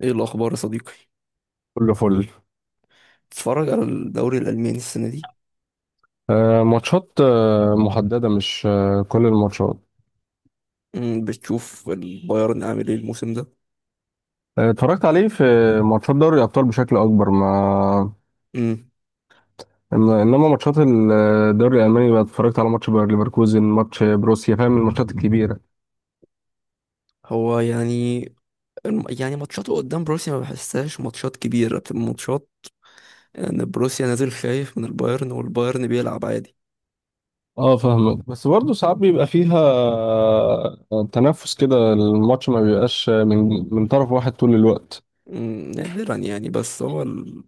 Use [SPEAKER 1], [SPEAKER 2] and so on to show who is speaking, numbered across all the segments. [SPEAKER 1] ايه الاخبار يا صديقي؟
[SPEAKER 2] كله فل.
[SPEAKER 1] بتتفرج على الدوري الالماني السنه دي؟
[SPEAKER 2] ماتشات، محددة، مش كل الماتشات.
[SPEAKER 1] بتشوف البايرن عامل ايه الموسم ده؟
[SPEAKER 2] اتفرجت عليه في ماتشات دوري الأبطال بشكل أكبر، ما
[SPEAKER 1] أمم،
[SPEAKER 2] إنما ماتشات الدوري الألماني بقى اتفرجت على ماتش باير ليفركوزن، ماتش بروسيا، فاهم؟ الماتشات الكبيرة.
[SPEAKER 1] هو يعني يعني ماتشاته قدام بروسيا ما بحسهاش ماتشات كبيره، بتبقى ماتشات ان بروسيا نازل خايف من البايرن والبايرن بيلعب عادي.
[SPEAKER 2] اه، فاهمك. بس برضه ساعات بيبقى فيها تنافس كده، الماتش ما بيبقاش من طرف واحد طول الوقت.
[SPEAKER 1] نادرا يعني. بس هو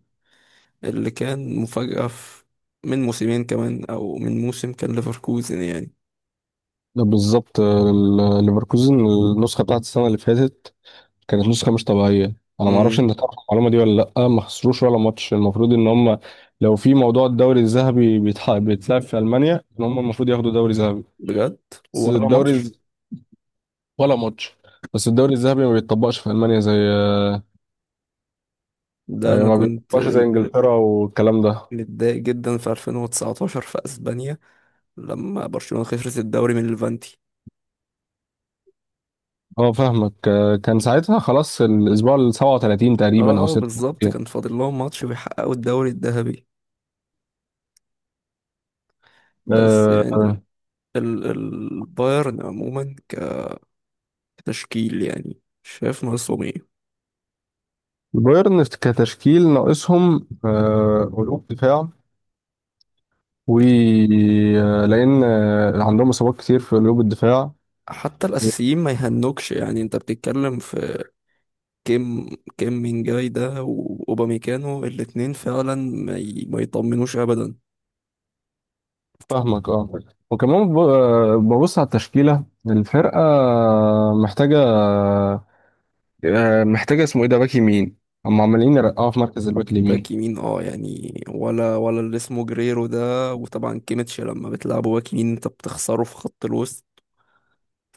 [SPEAKER 1] اللي كان مفاجاه في، من موسمين كمان او من موسم كان ليفركوزن يعني.
[SPEAKER 2] ده بالظبط. ليفركوزن النسخة بتاعت السنة اللي فاتت كانت نسخة مش طبيعية. أنا ما أعرفش،
[SPEAKER 1] أمم،
[SPEAKER 2] أنت تعرف المعلومة دي ولا لأ؟ ما خسروش ولا ماتش، المفروض إن هم لو في موضوع الدوري الذهبي بيتلعب في ألمانيا، إن هم المفروض ياخدوا دوري ذهبي.
[SPEAKER 1] بجد؟
[SPEAKER 2] بس
[SPEAKER 1] ولا
[SPEAKER 2] الدوري
[SPEAKER 1] ماتش.
[SPEAKER 2] ولا ماتش. بس الدوري الذهبي ما بيتطبقش في ألمانيا زي
[SPEAKER 1] ده
[SPEAKER 2] يعني
[SPEAKER 1] انا
[SPEAKER 2] ما
[SPEAKER 1] كنت
[SPEAKER 2] بيتطبقش زي إنجلترا والكلام ده.
[SPEAKER 1] متضايق جدا في 2019 في اسبانيا، لما برشلونة خسرت الدوري من ليفانتي.
[SPEAKER 2] أه، فاهمك. كان ساعتها خلاص، الأسبوع ال 37 تقريبا أو
[SPEAKER 1] اه بالظبط،
[SPEAKER 2] 36.
[SPEAKER 1] كان فاضل لهم ماتش ويحققوا الدوري الذهبي. بس
[SPEAKER 2] آه،
[SPEAKER 1] يعني البايرن عموما كتشكيل، يعني شايف ناقصهم ايه
[SPEAKER 2] بايرن كتشكيل ناقصهم قلوب دفاع،
[SPEAKER 1] يعني؟
[SPEAKER 2] ولان عندهم اصابات كتير في قلوب الدفاع.
[SPEAKER 1] حتى الاساسيين ما يهنوكش، يعني انت بتتكلم في كيم. كيم من جاي ده واوباميكانو الاتنين فعلا ما يطمنوش ابدا.
[SPEAKER 2] فاهمك. اه، وكمان ببص على التشكيله. الفرقه محتاجه محتاجه اسمه ايه ده، باك يمين. هم عمالين يرقعوا في مركز الباك
[SPEAKER 1] باك
[SPEAKER 2] اليمين.
[SPEAKER 1] يمين اه يعني. ولا اللي اسمه جريرو ده، وطبعا كيميتش لما بتلعبه باك يمين انت بتخسره في خط الوسط.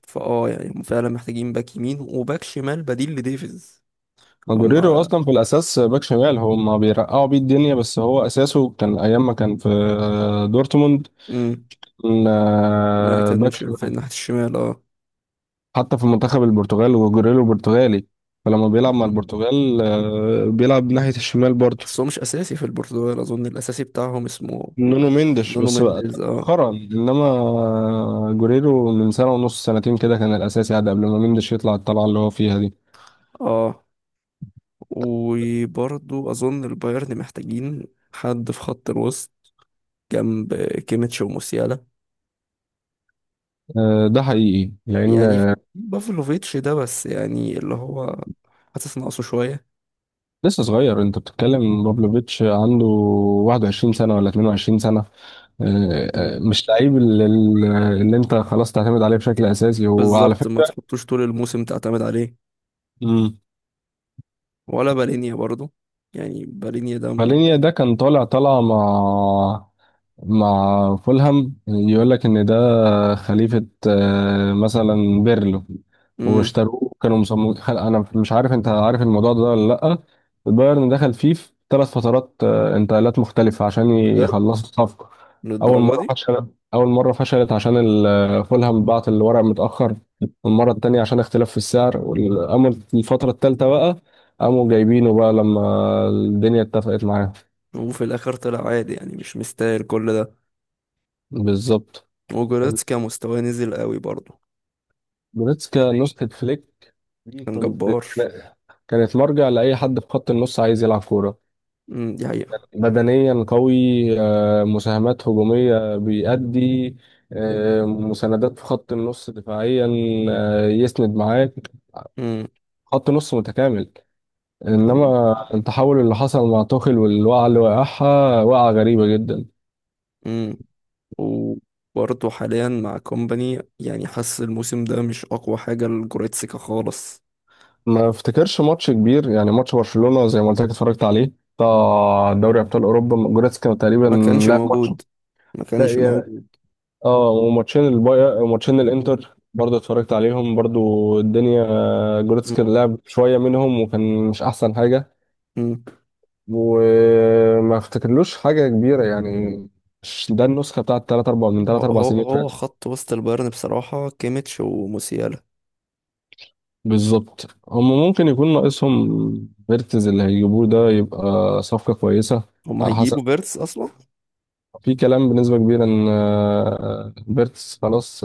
[SPEAKER 1] فاه يعني هم فعلا محتاجين باك يمين وباك شمال بديل لديفيز.
[SPEAKER 2] ماجوريرو
[SPEAKER 1] هما،
[SPEAKER 2] اصلا في الاساس باك شمال، هم بيرقعوا بيه الدنيا، بس هو اساسه كان ايام ما كان في دورتموند.
[SPEAKER 1] امم
[SPEAKER 2] كان،
[SPEAKER 1] ما
[SPEAKER 2] آه، باك
[SPEAKER 1] كانش في
[SPEAKER 2] شمال.
[SPEAKER 1] ناحية الشمال، اه.
[SPEAKER 2] حتى في منتخب البرتغال، وجوريلو برتغالي، فلما بيلعب مع
[SPEAKER 1] مم.
[SPEAKER 2] البرتغال بيلعب ناحية الشمال برضه.
[SPEAKER 1] بس هو مش أساسي في البرتغال، أظن الأساسي بتاعهم اسمه
[SPEAKER 2] نونو مينديش،
[SPEAKER 1] نونو
[SPEAKER 2] بس بقى
[SPEAKER 1] مينديز، اه.
[SPEAKER 2] مؤخرا. انما جوريرو من سنة ونص سنتين كده كان الاساسي، عاد قبل ما مينديش يطلع الطلعة اللي هو فيها دي.
[SPEAKER 1] اه وبرضو أظن البايرن محتاجين حد في خط الوسط جنب كيميتش وموسيالا
[SPEAKER 2] ده حقيقي، لان
[SPEAKER 1] يعني. بافلوفيتش ده، بس يعني اللي هو حاسس ناقصه شوية.
[SPEAKER 2] لسه صغير. انت بتتكلم بابلوفيتش عنده 21 سنة ولا 22 سنة.
[SPEAKER 1] مم.
[SPEAKER 2] مش لعيب اللي انت خلاص تعتمد عليه بشكل اساسي، وعلى
[SPEAKER 1] بالظبط ما
[SPEAKER 2] فكرة،
[SPEAKER 1] تحطوش طول الموسم تعتمد عليه، ولا بالينيا برضو. يعني بالينيا ده
[SPEAKER 2] مالينيا ده كان طالع طالعة مع فولهام، يقول لك ان ده خليفة مثلا بيرلو.
[SPEAKER 1] مم،
[SPEAKER 2] واشتروه، كانوا مصممين انا مش عارف انت عارف الموضوع ده ولا لا. البايرن دخل فيه في 3 فترات انتقالات مختلفة عشان
[SPEAKER 1] بجد؟
[SPEAKER 2] يخلصوا الصفقة. اول
[SPEAKER 1] للدرجة
[SPEAKER 2] مرة
[SPEAKER 1] دي؟
[SPEAKER 2] فشلت اول مرة فشلت عشان فولهام بعت الورق متأخر. المرة التانية عشان اختلاف في السعر والأمر. الفترة التالتة بقى قاموا جايبينه بقى لما الدنيا اتفقت معاهم.
[SPEAKER 1] وفي الآخر طلع عادي، يعني مش مستاهل كل ده.
[SPEAKER 2] بالظبط.
[SPEAKER 1] وجوريتس كان مستواه نزل قوي برضو.
[SPEAKER 2] جوريتسكا نسخة فليك دي،
[SPEAKER 1] كان
[SPEAKER 2] كنت
[SPEAKER 1] جبار.
[SPEAKER 2] كانت مرجع لأي حد في خط النص عايز يلعب كورة.
[SPEAKER 1] مم، دي حقيقة.
[SPEAKER 2] بدنيا قوي، مساهمات هجومية بيأدي، مساندات في خط النص دفاعيا، يسند معاك،
[SPEAKER 1] مم،
[SPEAKER 2] خط نص متكامل.
[SPEAKER 1] كان.
[SPEAKER 2] انما التحول اللي حصل مع توخيل والوقعة اللي وقعها، وقعة غريبة جدا.
[SPEAKER 1] مم. وبرضو حاليا مع كومباني، يعني حاسس الموسم ده مش أقوى حاجة لجوريتسكا خالص.
[SPEAKER 2] ما افتكرش ماتش كبير. يعني ماتش برشلونة زي ما قلت لك اتفرجت عليه، بتاع دوري ابطال اوروبا، جوريتسكا تقريبا
[SPEAKER 1] ما كانش
[SPEAKER 2] لعب ماتش.
[SPEAKER 1] موجود. ما كانش
[SPEAKER 2] لا،
[SPEAKER 1] موجود.
[SPEAKER 2] اه، وماتشين الباير، ماتشين الانتر برضه اتفرجت عليهم برضه، الدنيا.
[SPEAKER 1] مم،
[SPEAKER 2] جوريتسكا لعب شويه منهم وكان مش احسن حاجه.
[SPEAKER 1] مم.
[SPEAKER 2] وما افتكرلوش حاجه كبيره يعني. مش ده النسخه بتاعت 3 4 من
[SPEAKER 1] هو
[SPEAKER 2] 3 4
[SPEAKER 1] هو
[SPEAKER 2] سنين
[SPEAKER 1] هو
[SPEAKER 2] فاتوا.
[SPEAKER 1] خط وسط البايرن بصراحة كيميتش وموسيالا.
[SPEAKER 2] بالظبط، هم ممكن يكون ناقصهم فيرتز. اللي هيجيبوه ده يبقى صفقه كويسه.
[SPEAKER 1] هما
[SPEAKER 2] على حسب.
[SPEAKER 1] هيجيبوا فيرتس أصلا؟
[SPEAKER 2] في كلام بنسبه كبيره ان فيرتز خلاص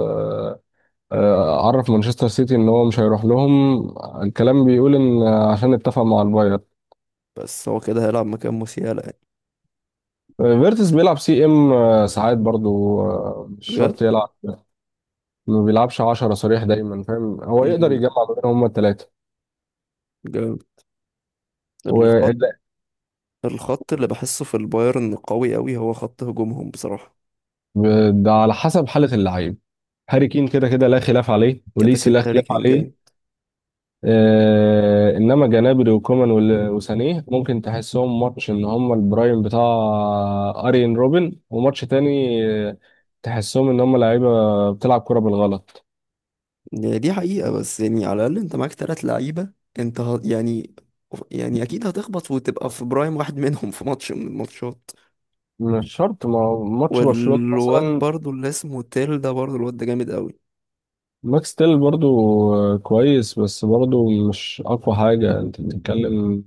[SPEAKER 2] عرف مانشستر سيتي ان هو مش هيروح لهم. الكلام بيقول ان عشان اتفق مع الباير.
[SPEAKER 1] بس هو كده هيلعب مكان موسيالا يعني.
[SPEAKER 2] فيرتس بيلعب سي ام ساعات برضو، مش
[SPEAKER 1] بجد؟
[SPEAKER 2] شرط يلعب. ما بيلعبش 10 صريح دايما، فاهم؟ هو يقدر
[SPEAKER 1] مم،
[SPEAKER 2] يجمع ما بينهم هما الثلاثه.
[SPEAKER 1] جامد. الخط
[SPEAKER 2] وده
[SPEAKER 1] الخط اللي بحسه في البايرن قوي قوي، هو خط هجومهم بصراحة.
[SPEAKER 2] على حسب حاله اللعيب. هاري كين كده كده لا خلاف عليه،
[SPEAKER 1] كده
[SPEAKER 2] وليسي
[SPEAKER 1] كده
[SPEAKER 2] لا
[SPEAKER 1] هاري
[SPEAKER 2] خلاف
[SPEAKER 1] كان
[SPEAKER 2] عليه.
[SPEAKER 1] جامد.
[SPEAKER 2] انما جنابري وكومان وسانيه ممكن تحسهم ماتش ان هم البرايم بتاع ارين روبن، وماتش تاني آه، تحسهم ان هم لعيبه بتلعب كرة بالغلط.
[SPEAKER 1] يعني دي حقيقة، بس يعني على الأقل أنت معاك تلات لعيبة، أنت يعني أكيد هتخبط وتبقى في برايم واحد منهم في ماتش من الماتشات.
[SPEAKER 2] مش شرط، ما هو ماتش برشلونة
[SPEAKER 1] والواد
[SPEAKER 2] مثلا.
[SPEAKER 1] برضو اللي اسمه تيل ده، برضو الواد ده جامد قوي.
[SPEAKER 2] ماكس تيل برضو كويس، بس برضو مش اقوى حاجة. انت بتتكلم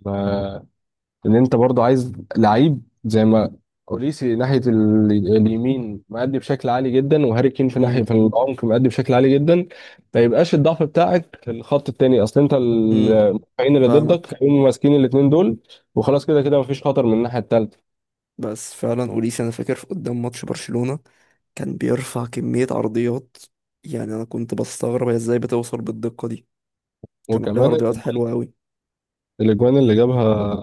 [SPEAKER 2] ان انت برضو عايز لعيب زي ما اوريسي ناحيه اليمين مأدي بشكل عالي جدا، وهاري كين في ناحيه
[SPEAKER 1] امم.
[SPEAKER 2] في العمق مأدي بشكل عالي جدا. ما يبقاش الضعف بتاعك في الخط التاني. اصل انت
[SPEAKER 1] امم
[SPEAKER 2] المدافعين اللي ضدك
[SPEAKER 1] فاهمك.
[SPEAKER 2] هيقوموا ماسكين الاثنين دول، وخلاص كده كده مفيش خطر من الناحيه التالته.
[SPEAKER 1] بس فعلا أوليس أنا فاكر في قدام ماتش برشلونة كان بيرفع كمية عرضيات، يعني أنا كنت بستغرب هي إزاي بتوصل بالدقة دي. كان عليه
[SPEAKER 2] وكمان
[SPEAKER 1] عرضيات حلوة أوي.
[SPEAKER 2] الاجوان اللي جابها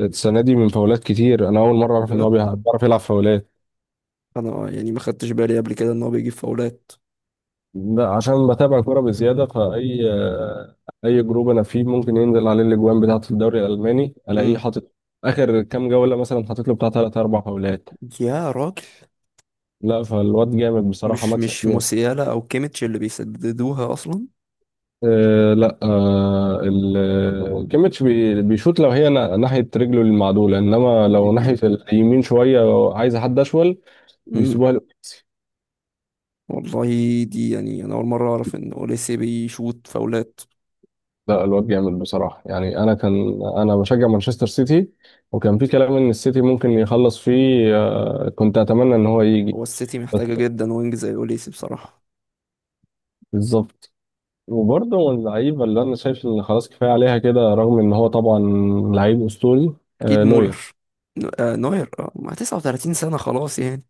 [SPEAKER 2] السنه دي من فاولات كتير. انا اول مره اعرف ان هو
[SPEAKER 1] بجد؟
[SPEAKER 2] بيعرف يلعب فاولات.
[SPEAKER 1] أنا يعني ما خدتش بالي قبل كده إن هو بيجيب فاولات.
[SPEAKER 2] لا، عشان بتابع كوره بزياده. فاي اي جروب انا فيه ممكن ينزل عليه الاجوان بتاعه الدوري الالماني، الاقيه
[SPEAKER 1] امم
[SPEAKER 2] حاطط اخر كام جوله مثلا حاطط له بتاع 3 4 فاولات.
[SPEAKER 1] يا راجل.
[SPEAKER 2] لا، فالواد جامد بصراحه،
[SPEAKER 1] مش
[SPEAKER 2] مكسب
[SPEAKER 1] مش
[SPEAKER 2] جون.
[SPEAKER 1] موسيالا أو كيميتش اللي بيسددوها أصلا؟
[SPEAKER 2] أه، لا، أه كيميتش بيشوط لو هي ناحيه رجله المعدوله، انما
[SPEAKER 1] دي
[SPEAKER 2] لو
[SPEAKER 1] مين؟
[SPEAKER 2] ناحيه اليمين شويه عايز حد اشول
[SPEAKER 1] امم
[SPEAKER 2] بيسيبوها.
[SPEAKER 1] والله. دي يعني أنا أول مرة أعرف إن أوليسي بيشوط فاولات.
[SPEAKER 2] لا، الواد جامد بصراحة. يعني أنا كان أنا بشجع مانشستر سيتي، وكان في كلام إن السيتي ممكن يخلص فيه. كنت أتمنى إن هو يجي
[SPEAKER 1] هو السيتي
[SPEAKER 2] بس.
[SPEAKER 1] محتاجة جدا وينج زي أوليسي بصراحة.
[SPEAKER 2] بالظبط. وبرضه من اللعيبة اللي أنا شايف إن خلاص كفاية عليها كده، رغم إن هو طبعا لعيب أسطوري.
[SPEAKER 1] أكيد مولر.
[SPEAKER 2] نوير.
[SPEAKER 1] نوير، مع 39 سنة خلاص يعني.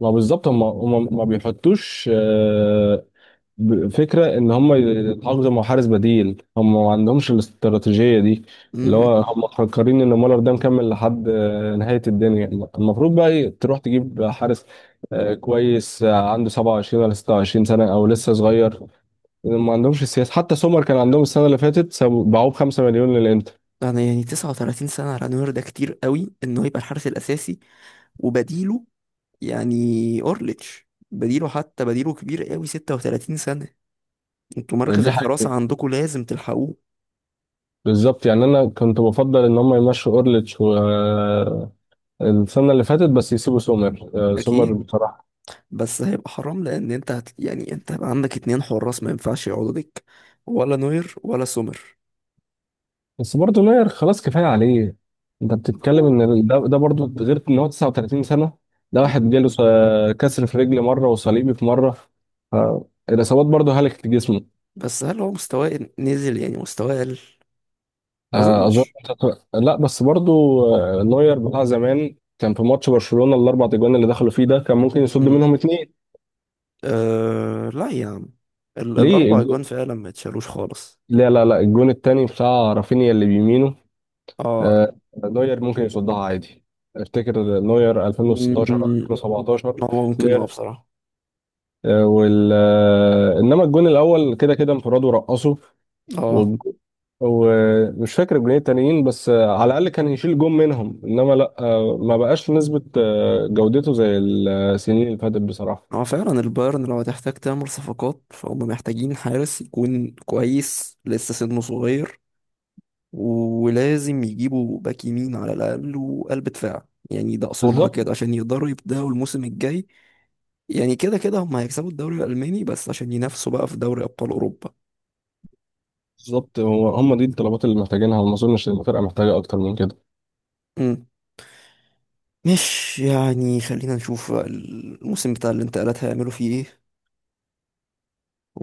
[SPEAKER 2] ما بالظبط، هم ما بيحطوش فكرة ان هم يتعاقدوا مع حارس بديل. هم ما عندهمش الاستراتيجية دي، اللي
[SPEAKER 1] امم
[SPEAKER 2] هو هم مفكرين ان مولر ده مكمل لحد نهاية الدنيا. المفروض بقى إيه؟ تروح تجيب حارس كويس، عنده 27 ولا 26 سنة او لسه صغير. ما عندهمش السياسة. حتى سومر كان عندهم السنة اللي فاتت، باعوه ب 5 مليون للانتر.
[SPEAKER 1] انا يعني 39 سنة على نوير ده كتير قوي انه يبقى الحارس الاساسي، وبديله. يعني اورليتش بديله، حتى بديله كبير قوي 36 سنة. انتوا مركز
[SPEAKER 2] ودي
[SPEAKER 1] الحراسة
[SPEAKER 2] حاجتين.
[SPEAKER 1] عندكم لازم تلحقوه.
[SPEAKER 2] بالظبط، يعني انا كنت بفضل ان هم يمشوا اورليتش و السنة اللي فاتت، بس يسيبوا سومر. سومر
[SPEAKER 1] اكيد.
[SPEAKER 2] بصراحة.
[SPEAKER 1] بس هيبقى حرام لان انت يعني انت هيبقى عندك اتنين حراس ما ينفعش يقعدوا دك، ولا نوير ولا سومر.
[SPEAKER 2] بس برضه نوير خلاص كفايه عليه. انت بتتكلم ان ده برضه، غير ان هو 39 سنه. ده واحد
[SPEAKER 1] مم.
[SPEAKER 2] جاله كسر في رجل مره، وصليبي في مره. ف- الاصابات برضه هلكت جسمه.
[SPEAKER 1] بس هل هو مستواه نزل، يعني مستواه قل؟ ما
[SPEAKER 2] اظن.
[SPEAKER 1] اظنش.
[SPEAKER 2] لا، بس برضه نوير بتاع زمان كان في ماتش برشلونه ال4 اجوان اللي دخلوا فيه ده كان ممكن يصد
[SPEAKER 1] مم.
[SPEAKER 2] منهم 2.
[SPEAKER 1] أه لا يا عم.
[SPEAKER 2] ليه
[SPEAKER 1] الاربع اجوان فعلا ما اتشالوش خالص،
[SPEAKER 2] لا، لا، لا، الجون التاني بتاع رافينيا اللي بيمينه.
[SPEAKER 1] اه.
[SPEAKER 2] آه، نوير ممكن يصدها عادي. افتكر نوير 2016
[SPEAKER 1] مم،
[SPEAKER 2] 2017.
[SPEAKER 1] هو ممكن اه بصراحة،
[SPEAKER 2] آه، وال آه، انما الجون الاول كده كده انفراد ورقصه.
[SPEAKER 1] اه.
[SPEAKER 2] والج- ومش فاكر الجونين التانيين. بس على الاقل كان يشيل جون منهم، انما لا، ما بقاش نسبة جودته زي السنين اللي فاتت بصراحة.
[SPEAKER 1] هو فعلا البايرن لو هتحتاج تعمل صفقات فهم محتاجين حارس يكون كويس لسه سنه صغير. ولازم يجيبوا باك يمين على الأقل وقلب دفاع، يعني ده أصولها
[SPEAKER 2] بالظبط
[SPEAKER 1] كده عشان يقدروا يبدأوا الموسم الجاي. يعني كده كده هم هيكسبوا الدوري الألماني، بس عشان ينافسوا بقى في دوري أبطال أوروبا.
[SPEAKER 2] بالظبط هو هم دي الطلبات اللي محتاجينها، وما اظنش ان الفرقة محتاجة اكتر من كده.
[SPEAKER 1] مم. مش يعني خلينا نشوف بقى الموسم بتاع الانتقالات هيعملوا فيه ايه،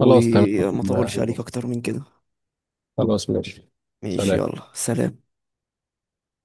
[SPEAKER 2] خلاص تمام.
[SPEAKER 1] اطولش عليك اكتر من كده.
[SPEAKER 2] خلاص ماشي.
[SPEAKER 1] ماشي،
[SPEAKER 2] سلام.
[SPEAKER 1] يلا سلام.